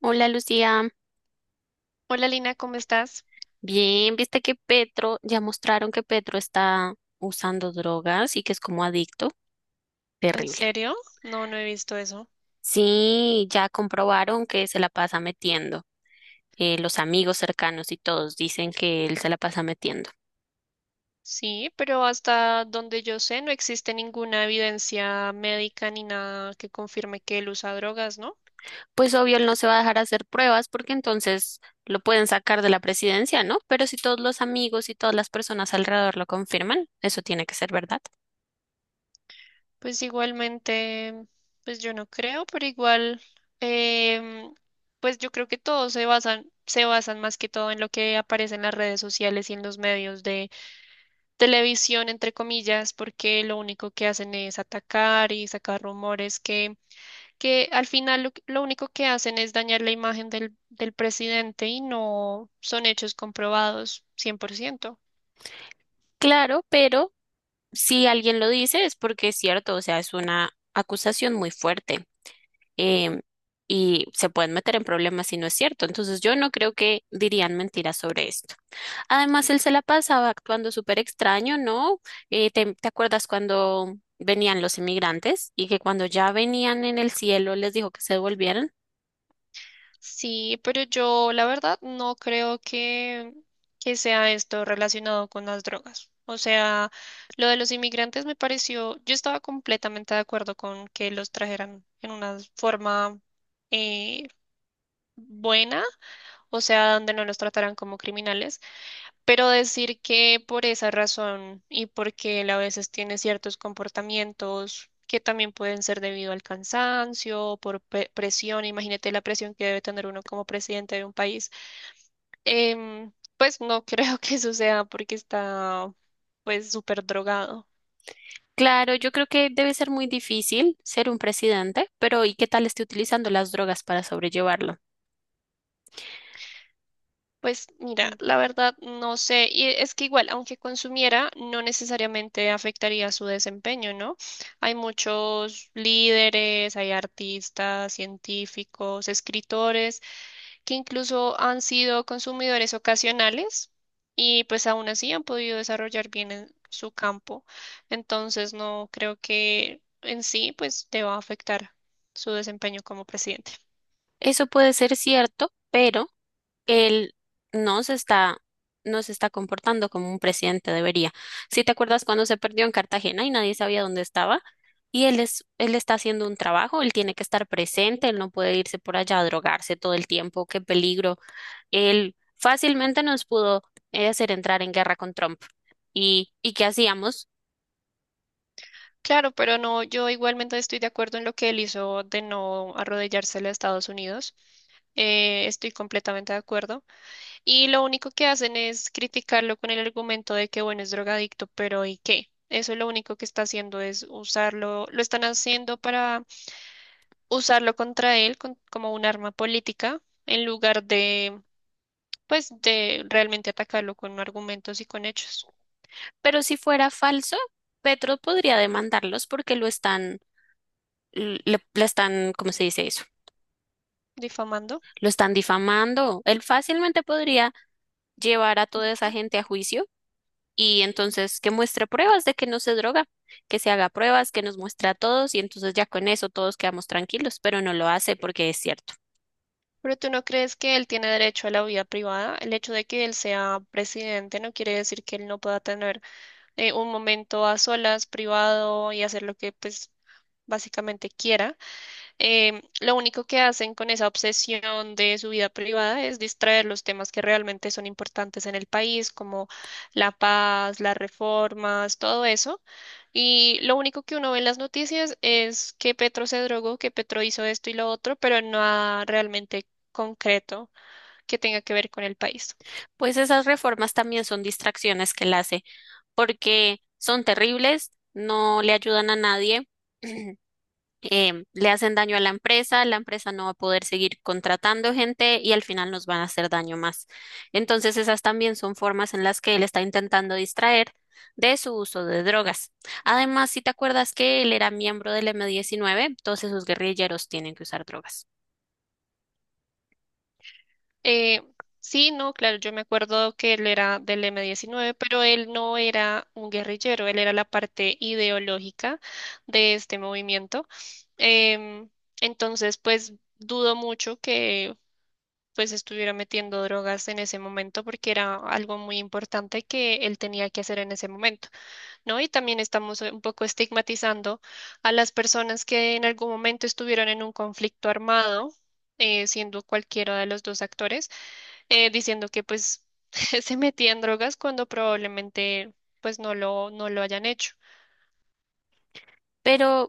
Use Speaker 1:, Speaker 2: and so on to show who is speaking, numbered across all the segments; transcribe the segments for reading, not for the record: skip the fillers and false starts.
Speaker 1: Hola Lucía,
Speaker 2: Hola Lina, ¿cómo estás?
Speaker 1: bien, viste que Petro, ya mostraron que Petro está usando drogas y que es como adicto,
Speaker 2: ¿En
Speaker 1: terrible.
Speaker 2: serio? No, no he visto eso.
Speaker 1: Sí, ya comprobaron que se la pasa metiendo, los amigos cercanos y todos dicen que él se la pasa metiendo.
Speaker 2: Sí, pero hasta donde yo sé no existe ninguna evidencia médica ni nada que confirme que él usa drogas, ¿no?
Speaker 1: Pues obvio, él no se va a dejar hacer pruebas porque entonces lo pueden sacar de la presidencia, ¿no? Pero si todos los amigos y todas las personas alrededor lo confirman, eso tiene que ser verdad.
Speaker 2: Pues igualmente, pues yo no creo, pero igual, em, pues yo creo que todos se basan más que todo en lo que aparece en las redes sociales y en los medios de televisión, entre comillas, porque lo único que hacen es atacar y sacar rumores que al final lo único que hacen es dañar la imagen del presidente y no son hechos comprobados 100%.
Speaker 1: Claro, pero si alguien lo dice es porque es cierto, o sea, es una acusación muy fuerte em, y se pueden meter en problemas si no es cierto. Entonces yo no creo que dirían mentiras sobre esto. Además, él se la pasaba actuando súper extraño, ¿no? ¿Te acuerdas cuando venían los inmigrantes y que cuando ya venían en el cielo les dijo que se devolvieran?
Speaker 2: Sí, pero yo la verdad no creo que sea esto relacionado con las drogas. O sea, lo de los inmigrantes me pareció, yo estaba completamente de acuerdo con que los trajeran en una forma eh, buena, o sea, donde no los trataran como criminales. Pero decir que por esa razón y porque él a veces tiene ciertos comportamientos que también pueden ser debido al cansancio, por presión, imagínate la presión que debe tener uno como presidente de un país, em, pues no creo que eso sea porque está pues súper drogado.
Speaker 1: Claro, yo creo que debe ser muy difícil ser un presidente, pero ¿y qué tal esté utilizando las drogas para sobrellevarlo?
Speaker 2: Pues mira, la verdad no sé, y es que igual, aunque consumiera, no necesariamente afectaría su desempeño, ¿no? Hay muchos líderes, hay artistas, científicos, escritores, que incluso han sido consumidores ocasionales y pues aún así han podido desarrollar bien en su campo. Entonces no creo que en sí pues deba afectar su desempeño como presidente.
Speaker 1: Eso puede ser cierto, pero él no se está, no se está comportando como un presidente debería. Si te acuerdas cuando se perdió en Cartagena y nadie sabía dónde estaba, y él está haciendo un trabajo, él tiene que estar presente, él no puede irse por allá a drogarse todo el tiempo, qué peligro. Él fácilmente nos pudo hacer entrar en guerra con Trump. ¿Y qué hacíamos?
Speaker 2: Claro, pero no, yo igualmente estoy de acuerdo en lo que él hizo de no arrodillarse a Estados Unidos. Estoy completamente de acuerdo. Y lo único que hacen es criticarlo con el argumento de que, bueno, es drogadicto, pero ¿y qué? Eso lo único que está haciendo es usarlo, lo están haciendo para usarlo contra él como un arma política en lugar de, pues, de realmente atacarlo con argumentos y con hechos.
Speaker 1: Pero si fuera falso, Petro podría demandarlos porque le, le están, ¿cómo se dice?
Speaker 2: Difamando.
Speaker 1: Lo están difamando. Él fácilmente podría llevar a toda esa gente a juicio y entonces que muestre pruebas de que no se droga, que se haga pruebas, que nos muestre a todos y entonces ya con eso todos quedamos tranquilos, pero no lo hace porque es cierto.
Speaker 2: ¿Pero tú no crees que él tiene derecho a la vida privada? El hecho de que él sea presidente no quiere decir que él no pueda tener un momento a solas, privado y hacer lo que pues básicamente quiera. Lo único que hacen con esa obsesión de su vida privada es distraer los temas que realmente son importantes en el país, como la paz, las reformas, todo eso. Y lo único que uno ve en las noticias es que Petro se drogó, que Petro hizo esto y lo otro, pero nada realmente concreto que tenga que ver con el país.
Speaker 1: Pues esas reformas también son distracciones que él hace porque son terribles, no le ayudan a nadie. Le hacen daño a la empresa no va a poder seguir contratando gente y al final nos van a hacer daño más. Entonces, esas también son formas en las que él está intentando distraer de su uso de drogas. Además, si te acuerdas que él era miembro del M-19, entonces sus guerrilleros tienen que usar drogas.
Speaker 2: Eh, sí, no, claro, yo me acuerdo que él era del M-19, pero él no era un guerrillero, él era la parte ideológica de este movimiento. Em, entonces, pues dudo mucho que pues estuviera metiendo drogas en ese momento porque era algo muy importante que él tenía que hacer en ese momento. ¿No? Y también estamos un poco estigmatizando a las personas que en algún momento estuvieron en un conflicto armado, siendo cualquiera de los dos actores, diciendo que pues se metían drogas cuando probablemente pues no lo hayan hecho.
Speaker 1: Pero,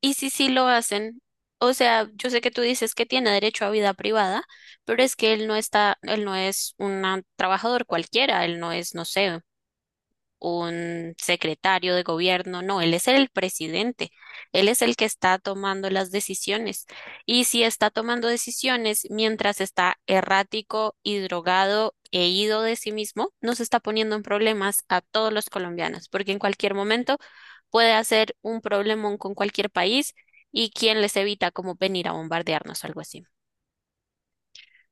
Speaker 1: ¿y si sí lo hacen? O sea, yo sé que tú dices que tiene derecho a vida privada, pero es que él no es un trabajador cualquiera, él no es, no sé, un secretario de gobierno, no, él es el presidente, él es el que está tomando las decisiones. Y si está tomando decisiones mientras está errático y drogado e ido de sí mismo, nos está poniendo en problemas a todos los colombianos, porque en cualquier momento puede hacer un problemón con cualquier país y quién les evita como venir a bombardearnos o algo así.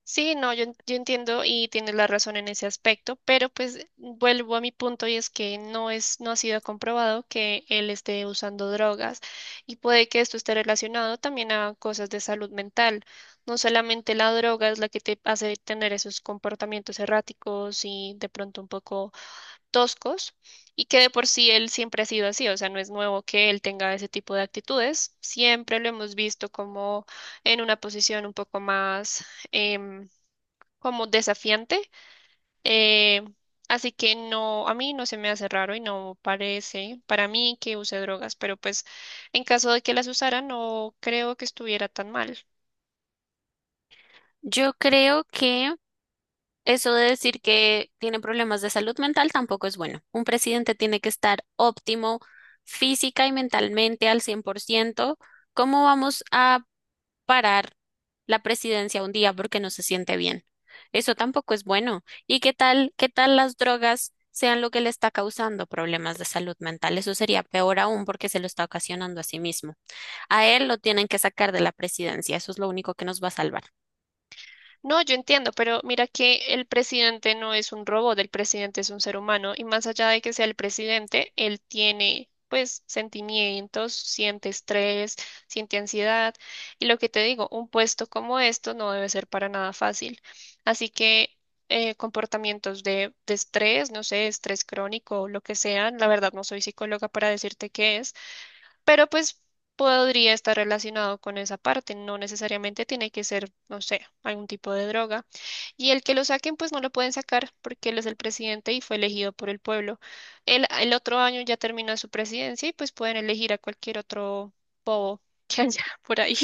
Speaker 2: Sí, no, yo entiendo y tienes la razón en ese aspecto, pero pues vuelvo a mi punto y es que no es, no ha sido comprobado que él esté usando drogas y puede que esto esté relacionado también a cosas de salud mental. No solamente la droga es la que te hace tener esos comportamientos erráticos y de pronto un poco toscos y que de por sí él siempre ha sido así, o sea, no es nuevo que él tenga ese tipo de actitudes, siempre lo hemos visto como en una posición un poco más em, como desafiante. eh, Así que no, a mí no se me hace raro y no parece para mí que use drogas, pero pues en caso de que las usara, no creo que estuviera tan mal.
Speaker 1: Yo creo que eso de decir que tiene problemas de salud mental tampoco es bueno. Un presidente tiene que estar óptimo física y mentalmente al 100%. ¿Cómo vamos a parar la presidencia un día porque no se siente bien? Eso tampoco es bueno. ¿Y qué tal las drogas sean lo que le está causando problemas de salud mental? Eso sería peor aún porque se lo está ocasionando a sí mismo. A él lo tienen que sacar de la presidencia. Eso es lo único que nos va a salvar.
Speaker 2: No, yo entiendo, pero mira que el presidente no es un robot, el presidente es un ser humano y más allá de que sea el presidente, él tiene pues sentimientos, siente estrés, siente ansiedad y lo que te digo, un puesto como esto no debe ser para nada fácil. Así que comportamientos de estrés, no sé, estrés crónico o lo que sea, la verdad no soy psicóloga para decirte qué es, pero pues podría estar relacionado con esa parte, no necesariamente tiene que ser, no sé, algún tipo de droga. Y el que lo saquen, pues no lo pueden sacar porque él es el presidente y fue elegido por el pueblo. El otro año ya termina su presidencia y pues pueden elegir a cualquier otro bobo que haya por ahí.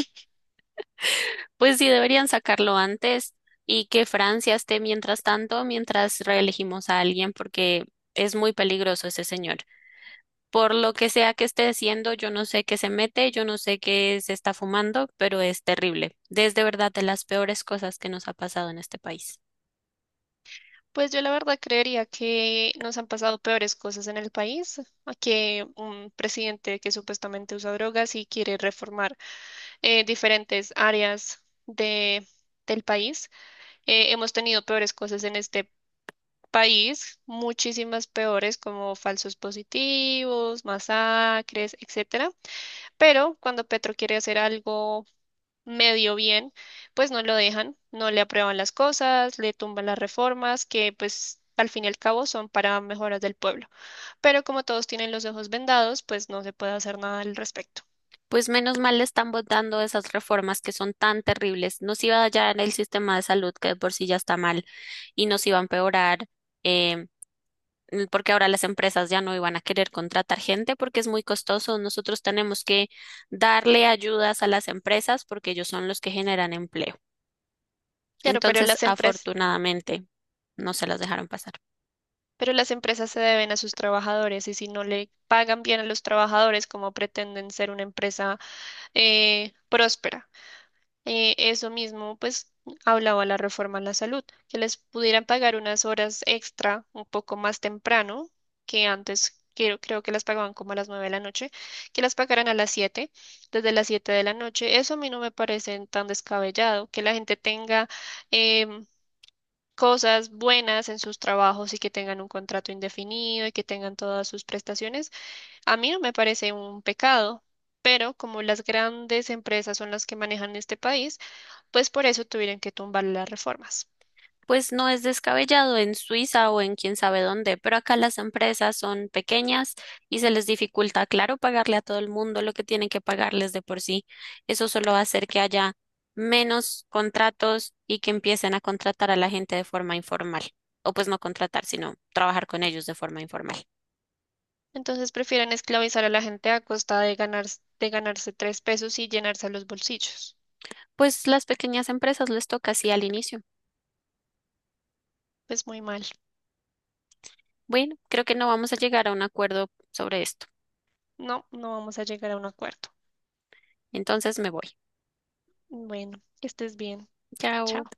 Speaker 1: Pues sí, deberían sacarlo antes y que Francia esté mientras tanto, mientras reelegimos a alguien, porque es muy peligroso ese señor. Por lo que sea que esté haciendo, yo no sé qué se mete, yo no sé qué se está fumando, pero es terrible. Es de verdad de las peores cosas que nos ha pasado en este país.
Speaker 2: Pues yo la verdad creería que nos han pasado peores cosas en el país a que un presidente que supuestamente usa drogas y quiere reformar diferentes áreas del país. Hemos tenido peores cosas en este país, muchísimas peores como falsos positivos, masacres, etcétera. Pero cuando Petro quiere hacer algo medio bien, pues no lo dejan, no le aprueban las cosas, le tumban las reformas que pues al fin y al cabo son para mejoras del pueblo. Pero como todos tienen los ojos vendados, pues no se puede hacer nada al respecto.
Speaker 1: Pues menos mal le están votando esas reformas que son tan terribles. Nos iba a hallar el sistema de salud que de por sí ya está mal y nos iba a empeorar. eh, Porque ahora las empresas ya no iban a querer contratar gente porque es muy costoso. Nosotros tenemos que darle ayudas a las empresas porque ellos son los que generan empleo.
Speaker 2: Claro, pero
Speaker 1: Entonces,
Speaker 2: las empresas.
Speaker 1: afortunadamente, no se las dejaron pasar.
Speaker 2: Pero las empresas se deben a sus trabajadores y si no le pagan bien a los trabajadores, como pretenden ser una empresa próspera? Eso mismo, pues, hablaba la reforma a la salud, que les pudieran pagar unas horas extra un poco más temprano que antes. Creo que las pagaban como a las 9 de la noche, que las pagaran a las 7, desde las 7 de la noche. Eso a mí no me parece tan descabellado, que la gente tenga em, cosas buenas en sus trabajos y que tengan un contrato indefinido y que tengan todas sus prestaciones, a mí no me parece un pecado, pero como las grandes empresas son las que manejan este país, pues por eso tuvieron que tumbar las reformas.
Speaker 1: Pues no es descabellado en Suiza o en quién sabe dónde, pero acá las empresas son pequeñas y se les dificulta, claro, pagarle a todo el mundo lo que tienen que pagarles de por sí. Eso solo va a hacer que haya menos contratos y que empiecen a contratar a la gente de forma informal. O pues no contratar, sino trabajar con ellos de forma informal.
Speaker 2: Entonces prefieren esclavizar a la gente a costa de ganar, de ganarse tres pesos y llenarse los bolsillos.
Speaker 1: Pues las pequeñas empresas les toca así al inicio.
Speaker 2: Pues muy mal.
Speaker 1: Bueno, creo que no vamos a llegar a un acuerdo sobre esto.
Speaker 2: No, no vamos a llegar a un acuerdo.
Speaker 1: Entonces me voy.
Speaker 2: Bueno, que estés bien. Chao.
Speaker 1: Chao.